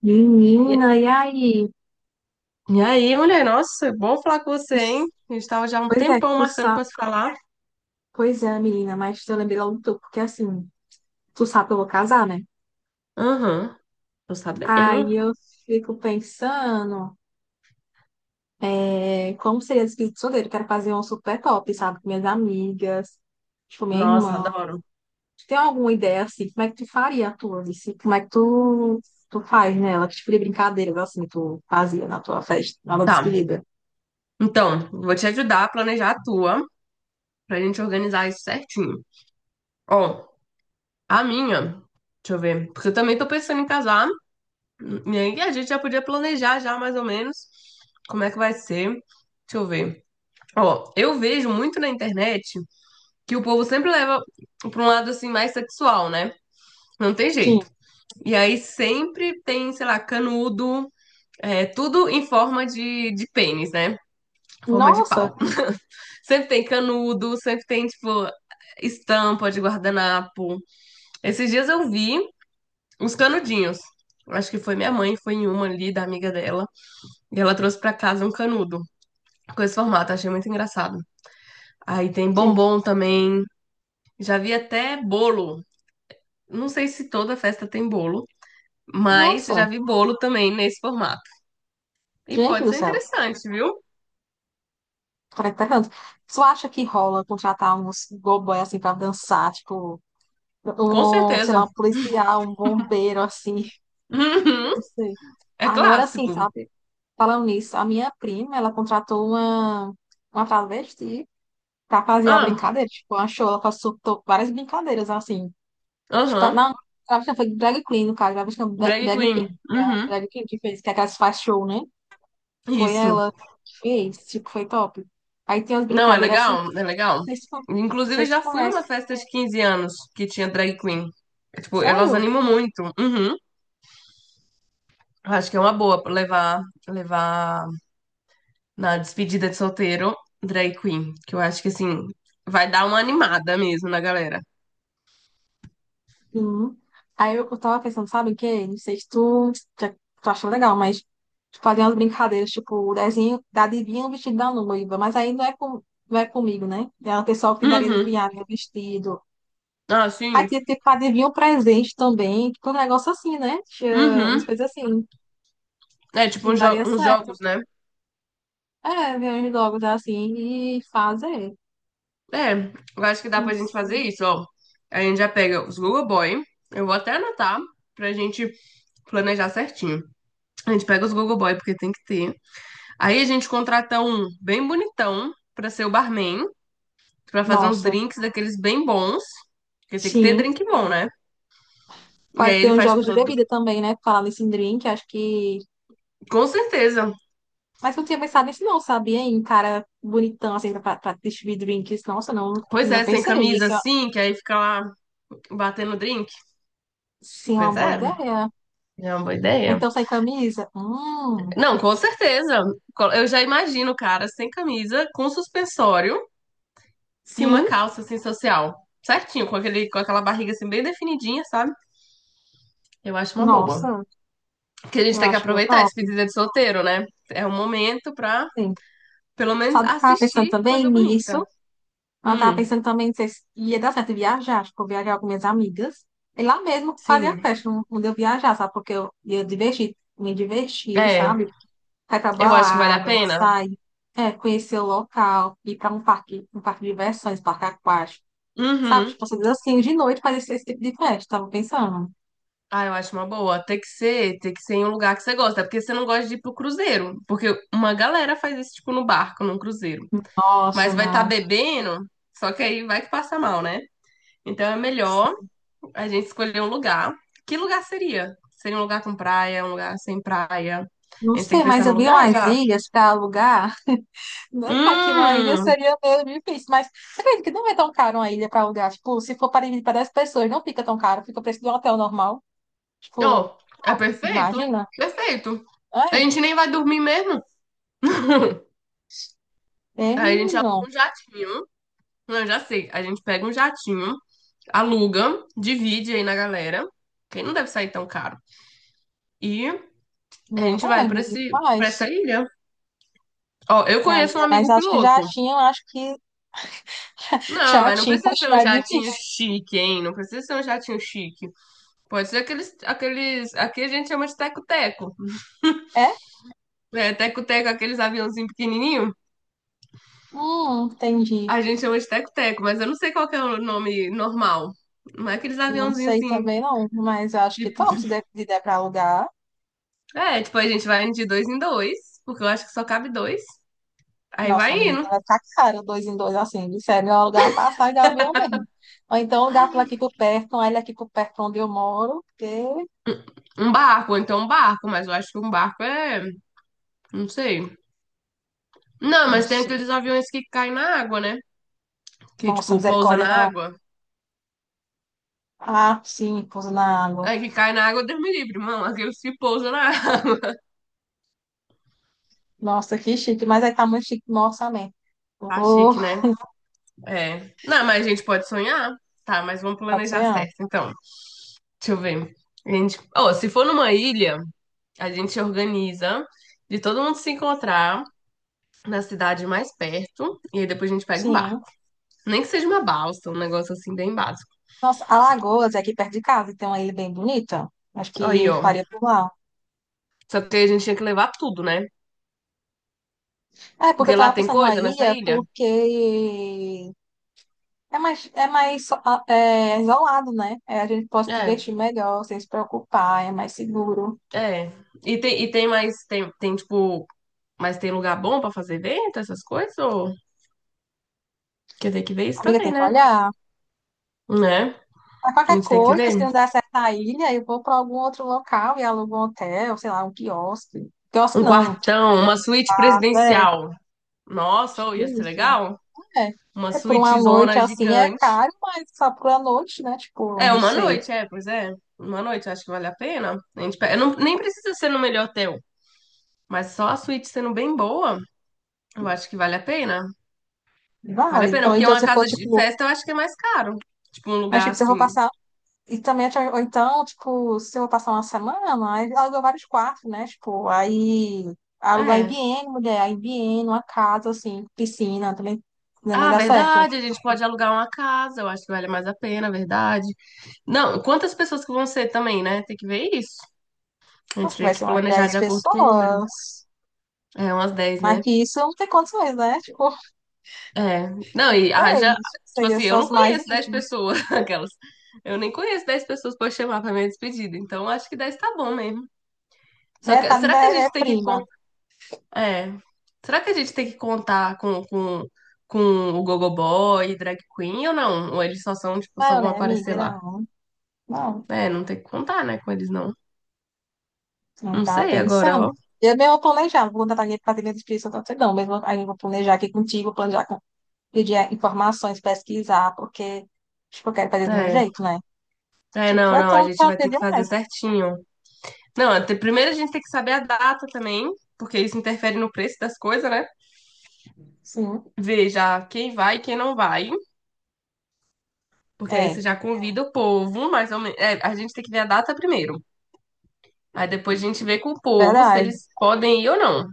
Menina, E e aí? e aí, mulher, nossa, bom falar com Tu você, hein? s- A gente tava já há um Pois é, tempão tu marcando sabe. pra se falar. Pois é, menina, mas eu lembrei logo tu, porque assim, tu sabe que eu vou casar, né? Aham, tô sabendo. Aí eu fico pensando, é, como seria esse espírito solteiro? Quero fazer um super top, sabe? Com minhas amigas, tipo, minha Nossa, irmã. adoro. Tu tem alguma ideia, assim, como é que tu faria a tua, assim? Como é que tu faz nela? Que tipo de brincadeiras, assim, tu fazia na tua festa, na tua Tá, despedida? então, vou te ajudar a planejar a tua, pra gente organizar isso certinho. Ó, a minha, deixa eu ver, porque eu também tô pensando em casar, e aí a gente já podia planejar já mais ou menos como é que vai ser. Deixa eu ver. Ó, eu vejo muito na internet que o povo sempre leva pra um lado assim mais sexual, né? Não tem Sim. jeito. E aí sempre tem, sei lá, canudo, tudo em forma de pênis, né? Forma de Nossa! pau. Sempre tem canudo, sempre tem, tipo, estampa de guardanapo. Esses dias eu vi uns canudinhos. Acho que foi minha mãe, foi em uma ali da amiga dela. E ela trouxe pra casa um canudo com esse formato, achei muito engraçado. Aí tem Sim. bombom também. Já vi até bolo. Não sei se toda festa tem bolo, mas Nossa! já vi bolo também nesse formato. E Gente pode do ser céu! interessante, viu? Caracterizando. Tu acha que rola contratar uns gogoy assim pra dançar? Tipo, Com um, sei lá, certeza. um policial, um bombeiro assim, Uhum. não sei. É Agora sim, clássico. sabe? Falando nisso, a minha prima, ela contratou uma travesti pra fazer a Ah, brincadeira. Tipo, achou, ela consultou várias brincadeiras assim. Tipo, aham. não, travesti não, foi drag queen, no caso, travesti não, Drag drag Queen. queen. Foi a Uhum. drag queen que fez, que é aquelas que faz show, né? Foi Isso. ela que fez, tipo, foi top. Aí tem umas Não, é brincadeiras assim. legal? É legal. Vocês, con- Inclusive, vocês se já fui numa conhecem. festa de 15 anos que tinha drag queen. É, tipo, elas Sério? animam muito. Uhum. Acho que é uma boa levar na despedida de solteiro drag queen. Que eu acho que, assim, vai dar uma animada mesmo na galera. Uhum. Aí eu tava pensando, sabe o quê? Não sei se já- tu achou legal, mas tipo, fazer umas brincadeiras, tipo, o desenho da adivinha o vestido da noiva. Mas aí não é comigo, né? É o pessoal que daria de Uhum. viagem, né, vestido. Ah, Aí sim. tinha ter que adivinhar o presente também. Tipo, um negócio assim, né? Tinha umas Uhum. coisas assim. É Acho tipo que uns, daria uns jogos, certo. né? É, ver uns jogos assim e fazer. É, eu acho que dá Não pra gente fazer sei. isso, ó. A gente já pega os Google Boy. Eu vou até anotar pra gente planejar certinho. A gente pega os Google Boy, porque tem que ter. Aí a gente contrata um bem bonitão pra ser o barman, pra fazer uns Nossa, drinks daqueles bem bons. Porque tem que ter sim. drink bom, né? E Pode aí ter ele uns faz, jogos tipo, de todo. bebida também, né? Falando nesse drink, acho que. Com certeza. Mas eu não tinha pensado nisso, não, sabia? Em cara bonitão, assim, pra distribuir drinks. Nossa, não, Pois não é, sem pensei. camisa Isso é, assim, que aí fica lá batendo drink. sim, uma Pois é, boa ideia. é uma boa ideia. Então, sem camisa? Não, com certeza. Eu já imagino o cara sem camisa, com suspensório e uma Sim. calça, assim, social. Certinho, com aquela barriga, assim, bem definidinha, sabe? Eu acho uma boa. Nossa, Que a gente eu tem que acho que é aproveitar a top. despedida de solteiro, né? É um momento pra, Sim. pelo menos, Sabe o que eu tava pensando assistir também coisa nisso? bonita. Eu tava Hum, pensando também, não sei se ia dar certo viajar. Acho que eu vou viajar com minhas amigas. E lá mesmo fazer a sim. festa, onde eu viajar, sabe? Porque eu ia divertir, me divertir, É, sabe? Vai pra eu acho que vale a balada, pena. sair, é, conhecer o local, ir pra um parque de diversões, parque aquático. Sabe, Uhum. tipo, você assim, de noite fazer esse tipo de festa, tava pensando. Ah, eu acho uma boa. Tem que ser em um lugar que você gosta. É porque você não gosta de ir pro cruzeiro, porque uma galera faz isso tipo no barco, num cruzeiro. Nossa, Mas vai estar não. bebendo, só que aí vai que passa mal, né? Então é melhor a gente escolheu um lugar. Que lugar seria? Seria um lugar com praia, um lugar sem praia? A Não gente tem sei, que pensar mas no eu vi lugar umas já. ilhas pra alugar. Não é claro que uma ilha Hum, seria meio difícil, mas você acredita que não é tão caro uma ilha pra alugar? Tipo, se for para dividir para 10 pessoas, não fica tão caro, fica o preço de um hotel normal. Tipo, ó, é perfeito, imagina. perfeito. A É, gente nem vai dormir mesmo. é Aí a gente menino. aluga um jatinho. Não, eu já sei. A gente pega um jatinho, aluga, divide aí na galera. Quem não deve sair tão caro. E a gente vai pra Verdade, esse, para essa faz. ilha. Ó, eu É, conheço um amiga, mas amigo acho que já piloto. tinham, acho que. Não, mas não Chatinho, precisa acho ser um mais jatinho difícil. chique, hein? Não precisa ser um jatinho chique. Pode ser aqueles. Aqui a gente chama de teco-teco. É? É, teco-teco, aqueles aviãozinhos pequenininhos. Entendi. A gente chama de teco-teco, mas eu não sei qual que é o nome normal. Não é aqueles Não aviãozinhos sei assim, também não, mas eu acho que tipo. top se der, se der pra alugar. É, tipo, a gente vai indo de dois em dois, porque eu acho que só cabe dois. Aí Nossa, vai amiga, indo. então vai ficar caro, dois em dois, assim, de sério, eu alugar uma passagem de avião mesmo. Ou então alugar por aqui por perto, uma ilha aqui por perto onde eu moro, porque... Ou então um barco, mas eu acho que um barco é. Não sei. Não, Não mas tem sei. aqueles aviões que caem na água, né? Que, Nossa, tipo, pousa misericórdia, na não. água. Ah, sim, pouso na água. Aí que cai na água, Deus me livre, mano. Aqueles que pousam na água. Nossa, que chique, mas aí tá muito chique no orçamento. Tá Oh, chique, né? É. Não, mas a gente pode sonhar. Tá, mas vamos pode planejar sonhar. certo, então. Deixa eu ver. A gente... Ó, se for numa ilha, a gente organiza de todo mundo se encontrar na cidade mais perto e aí depois a gente pega um bar. Sim. Nem que seja uma balsa, um negócio assim bem básico. Nossa, Alagoas é aqui perto de casa, e tem uma ilha bem bonita. Acho Aí, que ó. faria por lá. Só que a gente tinha que levar tudo, né? É, porque eu Porque lá tava tem pensando na coisa nessa ilha, ilha. porque é mais isolado, né? É, a gente pode se É, divertir melhor, sem se preocupar, é mais seguro. é. E tem tipo, mas tem lugar bom pra fazer evento, essas coisas? Ou... Quer ter que ver isso Amiga, também, tem que né? olhar. Né? Mas A qualquer gente tem que coisa, se ver. não der certo na ilha, eu vou para algum outro local e alugo um hotel, sei lá, um quiosque. Quiosque Um não, um quartão, uma suíte café, presidencial. Nossa, ô, tipo ia ser isso. legal? É, Uma é por uma suíte noite zona assim, é gigante. caro, mas só por uma noite, né? Tipo, É, não uma sei. noite, é, pois é. Uma noite, acho que vale a pena. A gente, não, nem precisa ser no melhor hotel, mas só a suíte sendo bem boa, eu acho que vale a pena. Vale Vale. a pena, Então, porque então uma se for, casa de tipo, festa eu acho que é mais caro. Tipo, um mas lugar tipo, se eu vou assim. passar. E também, tipo, ou então, tipo, se eu vou passar uma semana, aí aluga vários quartos, né? Tipo, aí aluga É. IBM, mulher, IBM, uma casa, assim, piscina, também Ah, dá certo. verdade, a gente pode alugar uma casa, eu acho que vale mais a pena, verdade. Não, quantas pessoas que vão ser também, né? Tem que ver isso. A gente Acho que tem vai que ser umas planejar 10 de acordo com o número. pessoas. É umas 10 Mas né? que isso não tem condições, né? Tipo, É. Não, e haja. 10 Tipo seria assim, só eu não os mais conheço 10 íntimos, pessoas, aquelas. Eu nem conheço 10 pessoas pra eu chamar pra minha despedida. Então acho que 10 tá bom mesmo. Só né? que Tá, será que a né? É gente tem prima. É. Será que a gente tem que contar com o Gogoboy e Drag Queen ou não? Ou eles só são, tipo, só Não, vão né, amiga? aparecer lá? Não, não, É, não tem que contar, né, com eles não. não Não tava sei agora, pensando. ó. Eu mesmo vou planejar, vou contratar minha patrinha de espírito, não, mesmo aí eu vou planejar aqui contigo, planejar com pedir informações, pesquisar, porque, tipo, eu quero fazer do meu É. jeito, né? É, Tipo, não, é não, a tão gente chato vai ter que fazer demais. certinho. Não, primeiro a gente tem que saber a data também, porque isso interfere no preço das coisas, né? Sim, Ver já quem vai e quem não vai, porque aí você é, já convida o povo, mais ou menos. É, a gente tem que ver a data primeiro. Aí depois a gente vê com o povo se verdade. eles podem ir ou não.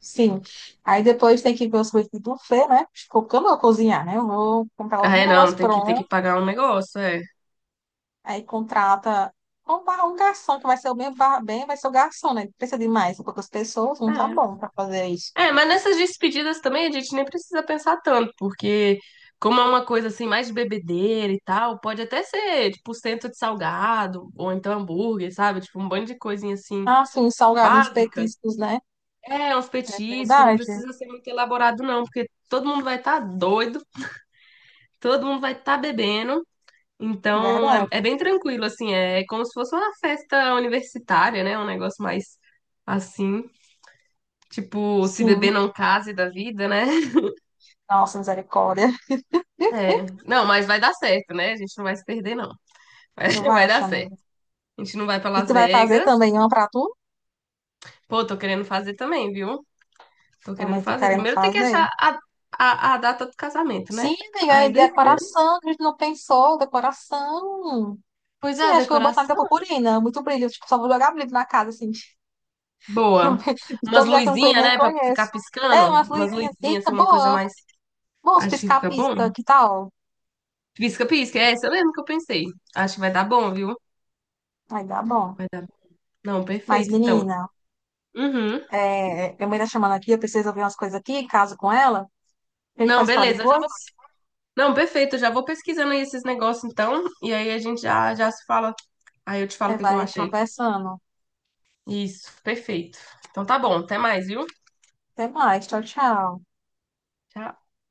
Sim. Aí depois tem que ver os coisas do buffet, né? Tipo, porque eu não vou cozinhar, né? Eu vou comprar Ah, algum é, não, negócio tem que pronto, pagar um negócio, é. aí contrata um garçom, que vai ser o mesmo vai ser o garçom, né? Precisa de mais, poucas pessoas, não tá bom É. pra fazer isso. É, mas nessas despedidas também a gente nem precisa pensar tanto, porque como é uma coisa assim mais de bebedeira e tal, pode até ser tipo cento de salgado, ou então hambúrguer, sabe? Tipo um bando de coisinha assim Ah, sim, salgado, uns básica. petiscos, né? É, é uns É petiscos, não verdade, é precisa ser muito elaborado, não, porque todo mundo vai estar doido, todo mundo vai estar bebendo. Então, é, verdade. é bem tranquilo, assim, é como se fosse uma festa universitária, né? Um negócio mais assim, tipo, se Sim. beber não case da vida, né? Nossa, misericórdia. É, não, mas vai dar certo, né? A gente não vai se perder, não. Vai, Eu vai dar acho, certo. amigo. A gente não vai pra E tu Las vai fazer Vegas. também uma pra tu? Pô, tô querendo fazer também, viu? Tô querendo Também tô fazer. querendo Primeiro tem que fazer? achar a data do casamento, né? Sim, amiga, é Aí decoração, a gente não pensou, decoração. depois Sim, a acho que eu vou botar muita decoração. purpurina, muito brilho, tipo, só vou jogar brilho na casa, assim. Boa. De todo Umas lugar que eu não luzinhas, nem né? Pra ficar conheço. É, piscando. umas Umas luzinhas, luzinhas, eita, assim, uma coisa boa. mais. Bons Acho que fica bom. piscar-pisca, que tal? Pisca, pisca. É essa mesmo que eu pensei. Acho que vai dar bom, viu? Aí dá bom. Vai dar. Não, Mas, perfeito, então. menina, Uhum. Minha mãe tá chamando aqui, eu preciso ouvir umas coisas aqui, caso com ela. A gente Não, pode falar beleza. Eu já vou... depois? Não, perfeito. Eu já vou pesquisando aí esses negócios, então. E aí a gente já se fala. Aí eu te falo É, o que que eu vai achei. conversando. Isso, perfeito. Então tá bom. Até mais, viu? Até mais, tchau, tchau. Tchau.